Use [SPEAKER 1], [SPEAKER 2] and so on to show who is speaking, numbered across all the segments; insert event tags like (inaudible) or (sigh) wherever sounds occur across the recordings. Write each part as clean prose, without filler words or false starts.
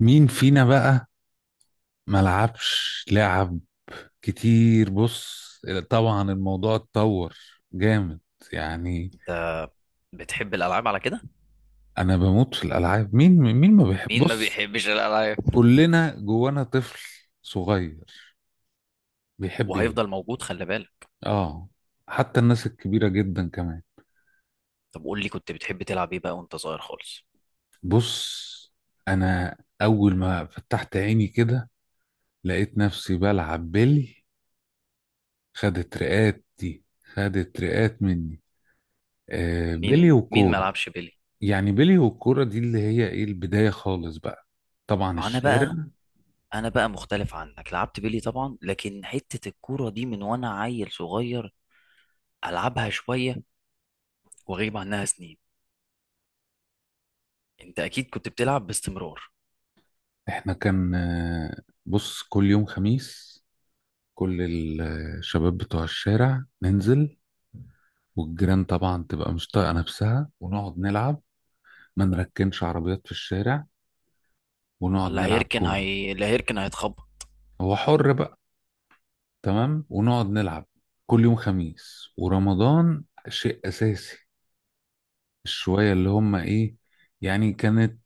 [SPEAKER 1] مين فينا بقى ملعبش لعب كتير؟ بص، طبعا الموضوع اتطور جامد يعني.
[SPEAKER 2] بتحب الالعاب على كده؟
[SPEAKER 1] انا بموت في الالعاب. مين ما بيحب؟
[SPEAKER 2] مين ما
[SPEAKER 1] بص،
[SPEAKER 2] بيحبش الالعاب؟
[SPEAKER 1] كلنا جوانا طفل صغير بيحب يلعب.
[SPEAKER 2] وهيفضل موجود، خلي بالك.
[SPEAKER 1] اه، حتى الناس الكبيرة جدا كمان.
[SPEAKER 2] طب قول لي، كنت بتحب تلعب ايه بقى وانت صغير خالص؟
[SPEAKER 1] بص، انا اول ما فتحت عيني كده لقيت نفسي بلعب بيلي. خدت رقات دي، خدت رقات مني. آه، بيلي
[SPEAKER 2] مين مين ما
[SPEAKER 1] وكورة،
[SPEAKER 2] لعبش بيلي؟
[SPEAKER 1] يعني بيلي والكورة دي اللي هي ايه البداية خالص بقى. طبعا
[SPEAKER 2] انا
[SPEAKER 1] الشارع.
[SPEAKER 2] بقى انا بقى مختلف عنك، لعبت بيلي طبعا، لكن حتة الكورة دي من وانا عيل صغير العبها شوية واغيب عنها سنين. انت اكيد كنت بتلعب باستمرار.
[SPEAKER 1] احنا كان بص، كل يوم خميس كل الشباب بتوع الشارع ننزل، والجيران طبعا تبقى مش طايقة نفسها، ونقعد نلعب. ما نركنش عربيات في الشارع، ونقعد نلعب كورة.
[SPEAKER 2] اللي هيركن هيتخبط.
[SPEAKER 1] هو حر بقى. تمام، ونقعد نلعب. كل يوم خميس ورمضان شيء أساسي. الشوية اللي هم ايه، يعني كانت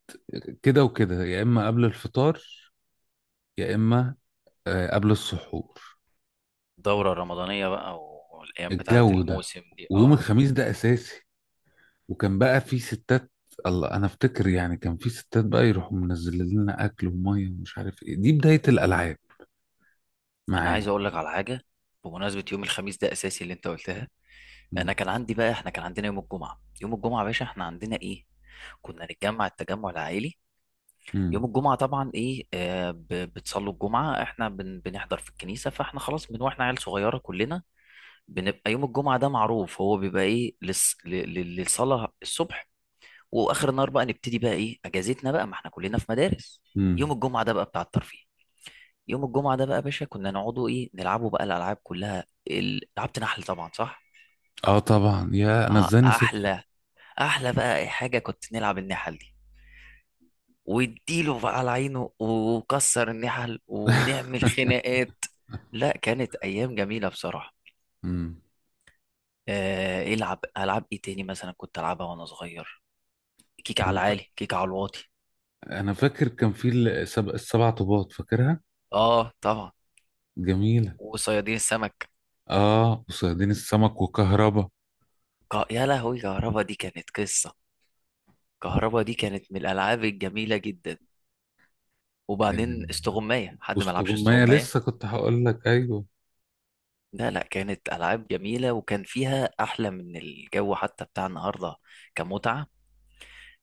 [SPEAKER 1] كده وكده، يا إما قبل الفطار يا اما قبل السحور.
[SPEAKER 2] الدورة الرمضانية بقى، والايام بتاعت
[SPEAKER 1] الجو ده،
[SPEAKER 2] الموسم دي،
[SPEAKER 1] ويوم
[SPEAKER 2] اه.
[SPEAKER 1] الخميس ده اساسي. وكان بقى في ستات. الله، انا افتكر يعني كان في ستات بقى يروحوا منزلين لنا اكل وميه ومش عارف ايه. دي بدايه الالعاب
[SPEAKER 2] انا عايز
[SPEAKER 1] معايا.
[SPEAKER 2] اقول لك على حاجة، بمناسبة يوم الخميس ده اساسي اللي انت قلتها. انا
[SPEAKER 1] مم.
[SPEAKER 2] كان عندي بقى احنا كان عندنا يوم الجمعه، يوم الجمعه يا باشا احنا عندنا ايه، كنا نتجمع، التجمع العائلي.
[SPEAKER 1] مم.
[SPEAKER 2] يوم الجمعه طبعا ايه بتصلوا الجمعه، احنا بنحضر في الكنيسه، فاحنا خلاص من واحنا عيال صغيره كلنا بنبقى يوم الجمعه ده معروف هو بيبقى ايه للصلاه الصبح. واخر النهار بقى نبتدي بقى ايه اجازتنا بقى، ما احنا كلنا في مدارس. يوم
[SPEAKER 1] مم.
[SPEAKER 2] الجمعه ده بقى بتاع الترفيه. يوم الجمعه ده بقى يا باشا كنا نقعدوا ايه، نلعبوا بقى الالعاب كلها. لعبت نحل طبعا، صح؟
[SPEAKER 1] اه طبعا، يا انا
[SPEAKER 2] اه
[SPEAKER 1] ازاي نسيتها!
[SPEAKER 2] احلى، احلى بقى اي حاجه كنت نلعب النحل دي، واديله بقى على عينه وكسر النحل ونعمل
[SPEAKER 1] (laughs)
[SPEAKER 2] خناقات. لا كانت ايام جميله بصراحه.
[SPEAKER 1] مم.
[SPEAKER 2] العب العاب ايه تاني مثلا كنت العبها وانا صغير؟ كيك على
[SPEAKER 1] انا ف...
[SPEAKER 2] العالي، كيك على الواطي.
[SPEAKER 1] انا فاكر كان في السبع طوبات فاكرها.
[SPEAKER 2] اه طبعا.
[SPEAKER 1] جميله.
[SPEAKER 2] وصيادين السمك.
[SPEAKER 1] اه، وصيادين السمك وكهربا.
[SPEAKER 2] يا لهوي، كهربا دي كانت قصه، كهربا دي كانت من الالعاب الجميله جدا.
[SPEAKER 1] آه،
[SPEAKER 2] وبعدين استغمايه، حد ما
[SPEAKER 1] وسط
[SPEAKER 2] لعبش
[SPEAKER 1] جمية.
[SPEAKER 2] استغمايه؟
[SPEAKER 1] لسه كنت هقول لك، ايوه،
[SPEAKER 2] لا لا، كانت ألعاب جميلة، وكان فيها أحلى من الجو حتى بتاع النهاردة كمتعة.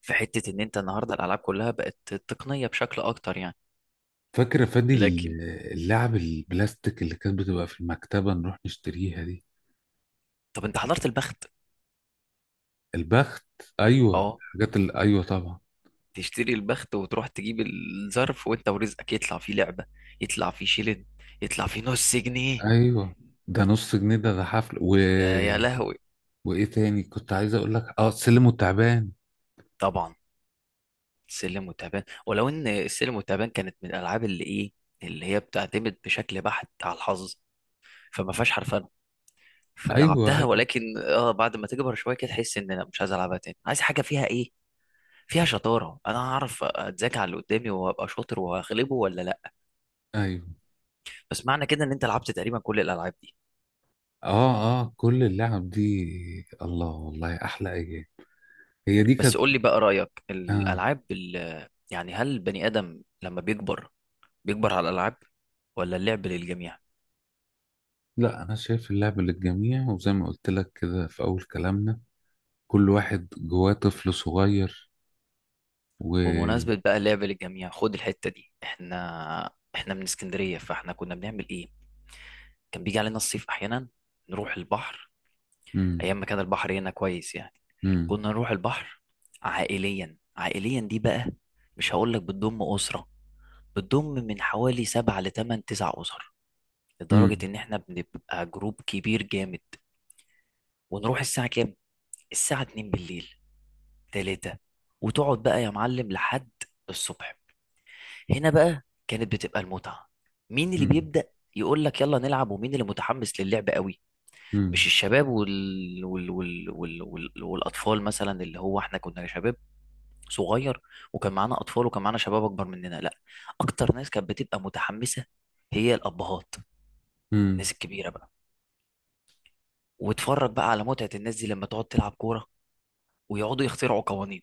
[SPEAKER 2] في حتة إن أنت النهاردة الألعاب كلها بقت تقنية بشكل أكتر يعني،
[SPEAKER 1] فاكرة
[SPEAKER 2] لكن...
[SPEAKER 1] اللعب البلاستيك اللي كانت بتبقى في المكتبة نروح نشتريها دي.
[SPEAKER 2] طب أنت حضرت البخت؟
[SPEAKER 1] البخت، أيوة
[SPEAKER 2] أه.
[SPEAKER 1] حاجات. أيوة طبعا.
[SPEAKER 2] تشتري البخت وتروح تجيب الظرف، وأنت ورزقك، يطلع فيه لعبة، يطلع فيه شيلن، يطلع فيه نص جنيه.
[SPEAKER 1] أيوة، ده نص جنيه. ده حفل.
[SPEAKER 2] ده يا لهوي.
[SPEAKER 1] وإيه تاني كنت عايز أقول لك؟ سلم والتعبان.
[SPEAKER 2] طبعا. سلم وتعبان، ولو إن السلم والتعبان كانت من الألعاب اللي إيه، اللي هي بتعتمد بشكل بحت على الحظ، فما فيهاش حرفيا.
[SPEAKER 1] أيوة،
[SPEAKER 2] فلعبتها،
[SPEAKER 1] أيوة،
[SPEAKER 2] ولكن اه بعد ما تكبر شويه كده تحس ان لا، مش عايز العبها تاني، عايز حاجه فيها ايه، فيها شطاره، انا هعرف اتذاكى على اللي قدامي وابقى شاطر وهغلبه ولا لا.
[SPEAKER 1] أيوة.
[SPEAKER 2] بس معنى كده ان انت لعبت تقريبا كل الالعاب دي.
[SPEAKER 1] أه، أه، كل اللعب دي، الله، والله أحلى أيام. هي دي
[SPEAKER 2] بس
[SPEAKER 1] كانت.
[SPEAKER 2] قول لي بقى رايك،
[SPEAKER 1] آه.
[SPEAKER 2] الالعاب يعني، هل البني ادم لما بيكبر بيكبر على الالعاب، ولا اللعب للجميع؟
[SPEAKER 1] لا، أنا شايف اللعب للجميع، وزي ما قلت لك كده في أول كلامنا، كل واحد جواه طفل صغير. و
[SPEAKER 2] بمناسبة بقى اللعب للجميع، خد الحتة دي. احنا من اسكندرية، فاحنا كنا بنعمل ايه، كان بيجي علينا الصيف احيانا نروح البحر،
[SPEAKER 1] مم.
[SPEAKER 2] ايام ما كان البحر هنا كويس يعني.
[SPEAKER 1] مم.
[SPEAKER 2] كنا نروح البحر عائليا. عائليا دي بقى مش هقول لك بتضم اسره، بتضم من حوالي 7 لـ8 9 اسر، لدرجه
[SPEAKER 1] امم.
[SPEAKER 2] ان احنا بنبقى جروب كبير جامد. ونروح الساعه كام؟ الساعه 2 بالليل، 3. وتقعد بقى يا معلم لحد الصبح. هنا بقى كانت بتبقى المتعه. مين اللي
[SPEAKER 1] امم.
[SPEAKER 2] بيبدا يقول لك يلا نلعب، ومين اللي متحمس للعب قوي؟ مش
[SPEAKER 1] امم.
[SPEAKER 2] الشباب والاطفال مثلا، اللي هو احنا كنا شباب صغير، وكان معانا اطفال وكان معانا شباب اكبر مننا، لا، اكتر ناس كانت بتبقى متحمسه هي الابهات،
[SPEAKER 1] امم.
[SPEAKER 2] الناس الكبيره بقى. واتفرج بقى على متعه الناس دي لما تقعد تلعب كوره، ويقعدوا يخترعوا قوانين.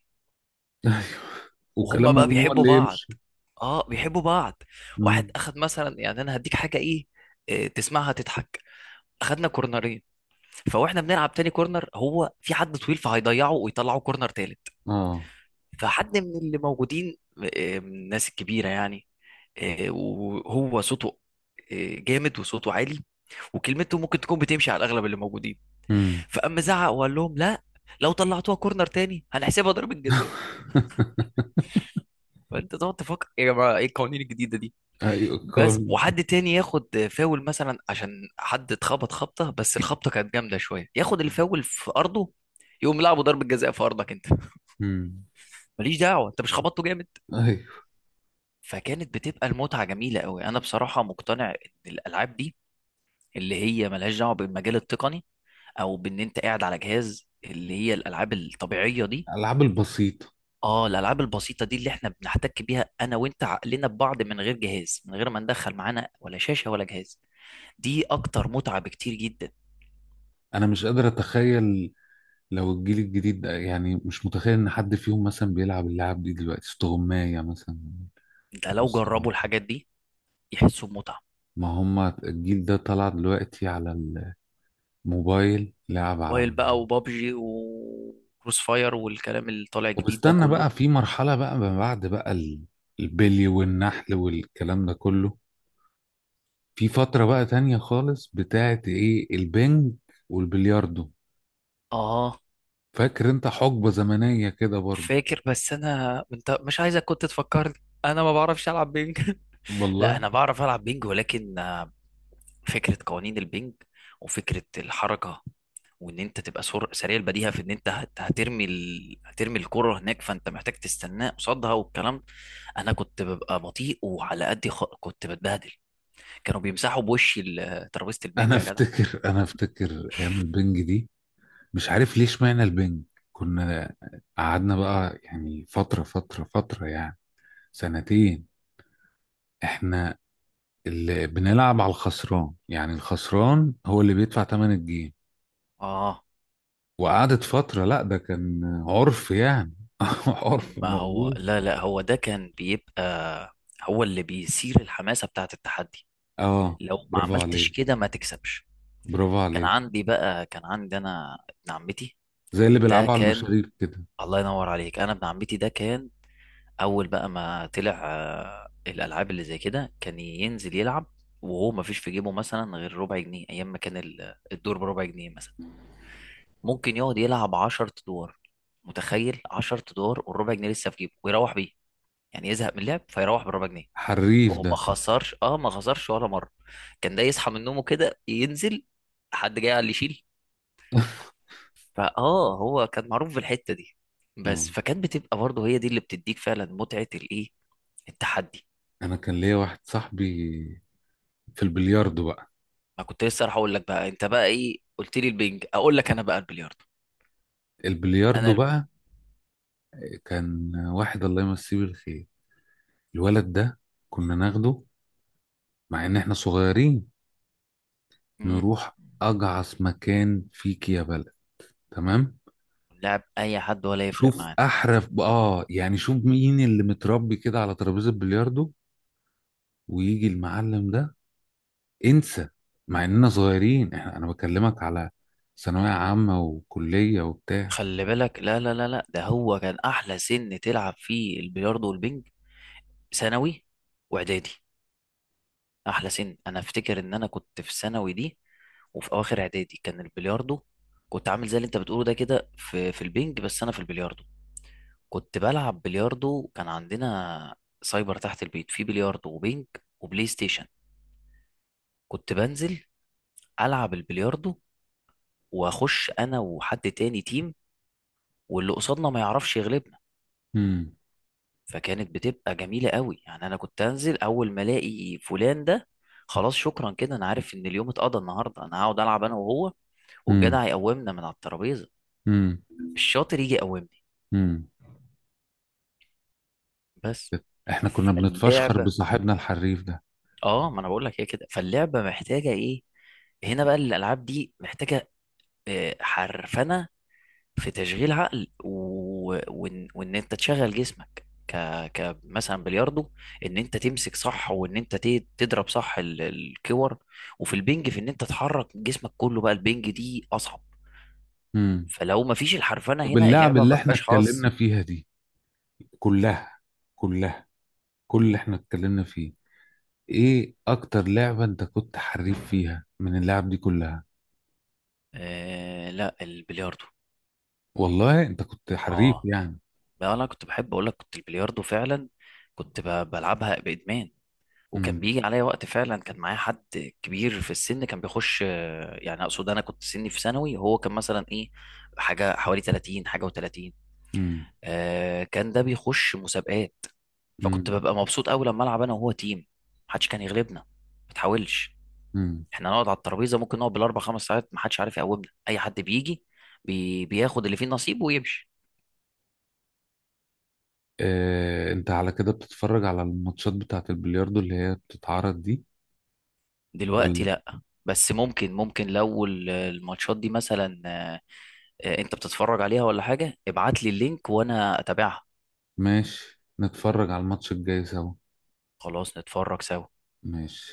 [SPEAKER 1] ايوه،
[SPEAKER 2] وهم
[SPEAKER 1] وكلامهم
[SPEAKER 2] بقى
[SPEAKER 1] هو
[SPEAKER 2] بيحبوا
[SPEAKER 1] اللي
[SPEAKER 2] بعض،
[SPEAKER 1] يمشي.
[SPEAKER 2] اه بيحبوا بعض. واحد
[SPEAKER 1] امم.
[SPEAKER 2] اخد مثلا، يعني انا هديك حاجه ايه تسمعها تضحك. اخدنا كورنرين، فواحنا بنلعب تاني كورنر هو في حد طويل فهيضيعه ويطلعه كورنر تالت،
[SPEAKER 1] اه.
[SPEAKER 2] فحد من اللي موجودين آه، من الناس الكبيره يعني، وهو صوته جامد، وصوته عالي، وكلمته ممكن تكون بتمشي على الاغلب اللي موجودين.
[SPEAKER 1] امم.
[SPEAKER 2] فاما زعق وقال لهم لا، لو طلعتوها كورنر تاني هنحسبها ضربة جزاء. فانت تقعد تفكر يا جماعه، ايه القوانين الجديده دي؟
[SPEAKER 1] ايوه،
[SPEAKER 2] بس.
[SPEAKER 1] كارل.
[SPEAKER 2] وحد تاني ياخد فاول مثلا عشان حد اتخبط خبطه، بس الخبطه كانت جامده شويه، ياخد الفاول في ارضه، يقوم لعبه ضربة جزاء في ارضك انت.
[SPEAKER 1] امم.
[SPEAKER 2] ماليش دعوه، انت مش خبطته جامد.
[SPEAKER 1] ايوه.
[SPEAKER 2] فكانت بتبقى المتعه جميله قوي. انا بصراحه مقتنع ان الالعاب دي اللي هي ملهاش دعوه بالمجال التقني، او بان انت قاعد على جهاز، اللي هي الالعاب الطبيعيه دي.
[SPEAKER 1] الالعاب البسيطه.
[SPEAKER 2] اه الالعاب البسيطه دي اللي احنا بنحتك بيها انا وانت، عقلنا ببعض، من غير جهاز، من غير ما ندخل معانا ولا شاشه ولا جهاز، دي اكتر متعه بكتير جدا.
[SPEAKER 1] انا مش قادر اتخيل لو الجيل الجديد ده، يعني مش متخيل ان حد فيهم مثلا بيلعب اللعب دي دلوقتي، استغماية مثلا.
[SPEAKER 2] ده لو
[SPEAKER 1] بص،
[SPEAKER 2] جربوا الحاجات دي يحسوا بمتعه.
[SPEAKER 1] ما هم الجيل ده طلع دلوقتي على الموبايل، لعب على
[SPEAKER 2] موبايل
[SPEAKER 1] الموبايل.
[SPEAKER 2] بقى وبابجي وكروس فاير والكلام اللي طالع
[SPEAKER 1] طب
[SPEAKER 2] جديد ده
[SPEAKER 1] استنى
[SPEAKER 2] كله.
[SPEAKER 1] بقى، في مرحلة بقى ما بعد بقى البلي والنحل والكلام ده كله. في فترة بقى تانية خالص بتاعت ايه، البنج والبلياردو.
[SPEAKER 2] اه.
[SPEAKER 1] فاكر انت حقبة زمنية كده برضو؟
[SPEAKER 2] فاكر، بس انا انت مش عايزك كنت تفكرني، انا ما بعرفش العب بينج. (laughs) لا
[SPEAKER 1] والله
[SPEAKER 2] انا بعرف العب بينج، ولكن فكره قوانين البنج، وفكره الحركه، وان انت تبقى سريع البديهه، في ان انت هترمي الكره هناك، فانت محتاج تستناه قصادها والكلام. انا كنت ببقى بطيء، وعلى قد كنت بتبهدل، كانوا بيمسحوا بوشي ترابيزه البنج
[SPEAKER 1] انا (laughs)
[SPEAKER 2] يا جدع.
[SPEAKER 1] انا افتكر ايام البنج دي. مش عارف ليش معنى البنج. كنا قعدنا بقى يعني فترة فترة فترة يعني سنتين. احنا اللي بنلعب على الخسران، يعني الخسران هو اللي بيدفع تمن الجيم.
[SPEAKER 2] اه.
[SPEAKER 1] وقعدت فترة. لا، ده كان عرف يعني. (laughs) عرف
[SPEAKER 2] ما هو،
[SPEAKER 1] موجود.
[SPEAKER 2] لا لا، هو ده كان بيبقى هو اللي بيثير الحماسه، بتاعه التحدي،
[SPEAKER 1] اه.
[SPEAKER 2] لو ما
[SPEAKER 1] برافو
[SPEAKER 2] عملتش
[SPEAKER 1] عليك،
[SPEAKER 2] كده ما تكسبش.
[SPEAKER 1] برافو
[SPEAKER 2] كان
[SPEAKER 1] عليك.
[SPEAKER 2] عندي بقى كان عندي انا ابن عمتي
[SPEAKER 1] زي اللي
[SPEAKER 2] ده
[SPEAKER 1] بيلعبوا على
[SPEAKER 2] كان...
[SPEAKER 1] المشاريب كده.
[SPEAKER 2] الله ينور عليك، انا ابن عمتي ده كان اول بقى ما طلع الالعاب اللي زي كده كان ينزل يلعب، وهو ما فيش في جيبه مثلا غير ربع جنيه، ايام ما كان الدور بربع جنيه مثلا. ممكن يقعد يلعب 10 ادوار. متخيل؟ 10 ادوار والربع جنيه لسه في جيبه ويروح بيه، يعني يزهق من اللعب فيروح بالربع جنيه.
[SPEAKER 1] حريف
[SPEAKER 2] هو ما
[SPEAKER 1] ده.
[SPEAKER 2] خسرش، اه ما خسرش ولا مره. كان ده يصحى من نومه كده، ينزل، حد جاي قال لي شيل.
[SPEAKER 1] (laughs)
[SPEAKER 2] فاه هو كان معروف بالحته دي
[SPEAKER 1] اه،
[SPEAKER 2] بس، فكانت بتبقى برضه هي دي اللي بتديك فعلا متعه الايه، التحدي.
[SPEAKER 1] انا كان ليا واحد صاحبي في البلياردو بقى.
[SPEAKER 2] ما كنت لسه راح اقول لك بقى، انت بقى ايه قلت لي البنج، اقول لك انا بقى البلياردو. انا
[SPEAKER 1] البلياردو
[SPEAKER 2] ال-
[SPEAKER 1] بقى، كان واحد الله يمسيه بالخير، الولد ده كنا ناخده، مع ان احنا صغيرين،
[SPEAKER 2] مم،
[SPEAKER 1] نروح اجعص مكان فيك يا بلد. تمام.
[SPEAKER 2] لعب اي حد ولا يفرق
[SPEAKER 1] شوف
[SPEAKER 2] معانا.
[SPEAKER 1] احرف، يعني شوف مين اللي متربي كده على ترابيزه البلياردو، ويجي المعلم ده، انسى! مع اننا صغيرين، انا بكلمك على ثانوية عامة وكلية وبتاع.
[SPEAKER 2] خلي بالك، لا لا لا لا، ده هو كان احلى سن تلعب فيه البلياردو والبنج، ثانوي واعدادي. احلى سن، انا افتكر ان انا كنت في ثانوي دي وفي اواخر اعدادي كان البلياردو. كنت عامل زي اللي انت بتقوله ده كده في في البنج، بس انا في البلياردو. كنت بلعب بلياردو، كان عندنا سايبر تحت البيت فيه بلياردو وبينج وبلاي ستيشن. كنت بنزل ألعب البلياردو، وأخش أنا وحد تاني تيم، واللي قصادنا ما يعرفش يغلبنا.
[SPEAKER 1] امم.
[SPEAKER 2] فكانت بتبقى جميلة قوي يعني. أنا كنت أنزل أول ما ألاقي فلان ده، خلاص شكرا كده، أنا عارف إن اليوم اتقضى النهاردة، أنا هقعد ألعب أنا وهو،
[SPEAKER 1] امم.
[SPEAKER 2] والجدع يقومنا من على الترابيزة،
[SPEAKER 1] امم.
[SPEAKER 2] الشاطر يجي يقومني
[SPEAKER 1] امم.
[SPEAKER 2] بس.
[SPEAKER 1] احنا كنا بنتفشخر
[SPEAKER 2] فاللعبة،
[SPEAKER 1] بصاحبنا الحريف ده.
[SPEAKER 2] اه ما انا بقول لك هي كده، فاللعبه محتاجه ايه هنا بقى، الالعاب دي محتاجه حرفنه، في تشغيل عقل وان انت تشغل جسمك ك... ك مثلا بلياردو، ان انت تمسك صح، وان انت تضرب صح الكور. وفي البنج، في ان انت تحرك جسمك كله، بقى البنج دي اصعب.
[SPEAKER 1] امم.
[SPEAKER 2] فلو ما فيش الحرفنه
[SPEAKER 1] طب،
[SPEAKER 2] هنا،
[SPEAKER 1] اللعب
[SPEAKER 2] اللعبه
[SPEAKER 1] اللي
[SPEAKER 2] ما
[SPEAKER 1] احنا
[SPEAKER 2] فيهاش حظ.
[SPEAKER 1] اتكلمنا فيها دي، كلها كلها، كل اللي احنا اتكلمنا فيه، ايه اكتر لعبة انت كنت حريف فيها من اللعب دي كلها؟
[SPEAKER 2] لا، البلياردو.
[SPEAKER 1] والله، انت كنت حريف
[SPEAKER 2] اه.
[SPEAKER 1] يعني؟
[SPEAKER 2] بقى انا كنت بحب اقول لك، كنت البلياردو فعلا، كنت بلعبها بادمان. وكان
[SPEAKER 1] امم.
[SPEAKER 2] بيجي عليا وقت فعلا، كان معايا حد كبير في السن كان بيخش يعني اقصد انا كنت سني في ثانوي، وهو كان مثلا ايه، حاجه حوالي 30، حاجه و30،
[SPEAKER 1] امم.
[SPEAKER 2] كان ده بيخش مسابقات. فكنت ببقى مبسوط قوي لما العب انا وهو تيم، محدش كان يغلبنا، ما تحاولش.
[SPEAKER 1] امم.
[SPEAKER 2] احنا نقعد على الترابيزه، ممكن نقعد بالـ4 5 ساعات، محدش عارف يقومنا، اي حد بيجي بياخد اللي فيه نصيبه ويمشي.
[SPEAKER 1] آه، انت على كده بتتفرج على الماتشات بتاعة البلياردو اللي هي بتتعرض دي؟
[SPEAKER 2] دلوقتي
[SPEAKER 1] ولا.
[SPEAKER 2] لا، بس ممكن لو الماتشات دي مثلا. انت بتتفرج عليها ولا حاجه؟ ابعت لي اللينك وانا اتابعها.
[SPEAKER 1] ماشي، نتفرج على الماتش الجاي سوا.
[SPEAKER 2] خلاص، نتفرج سوا.
[SPEAKER 1] ماشي.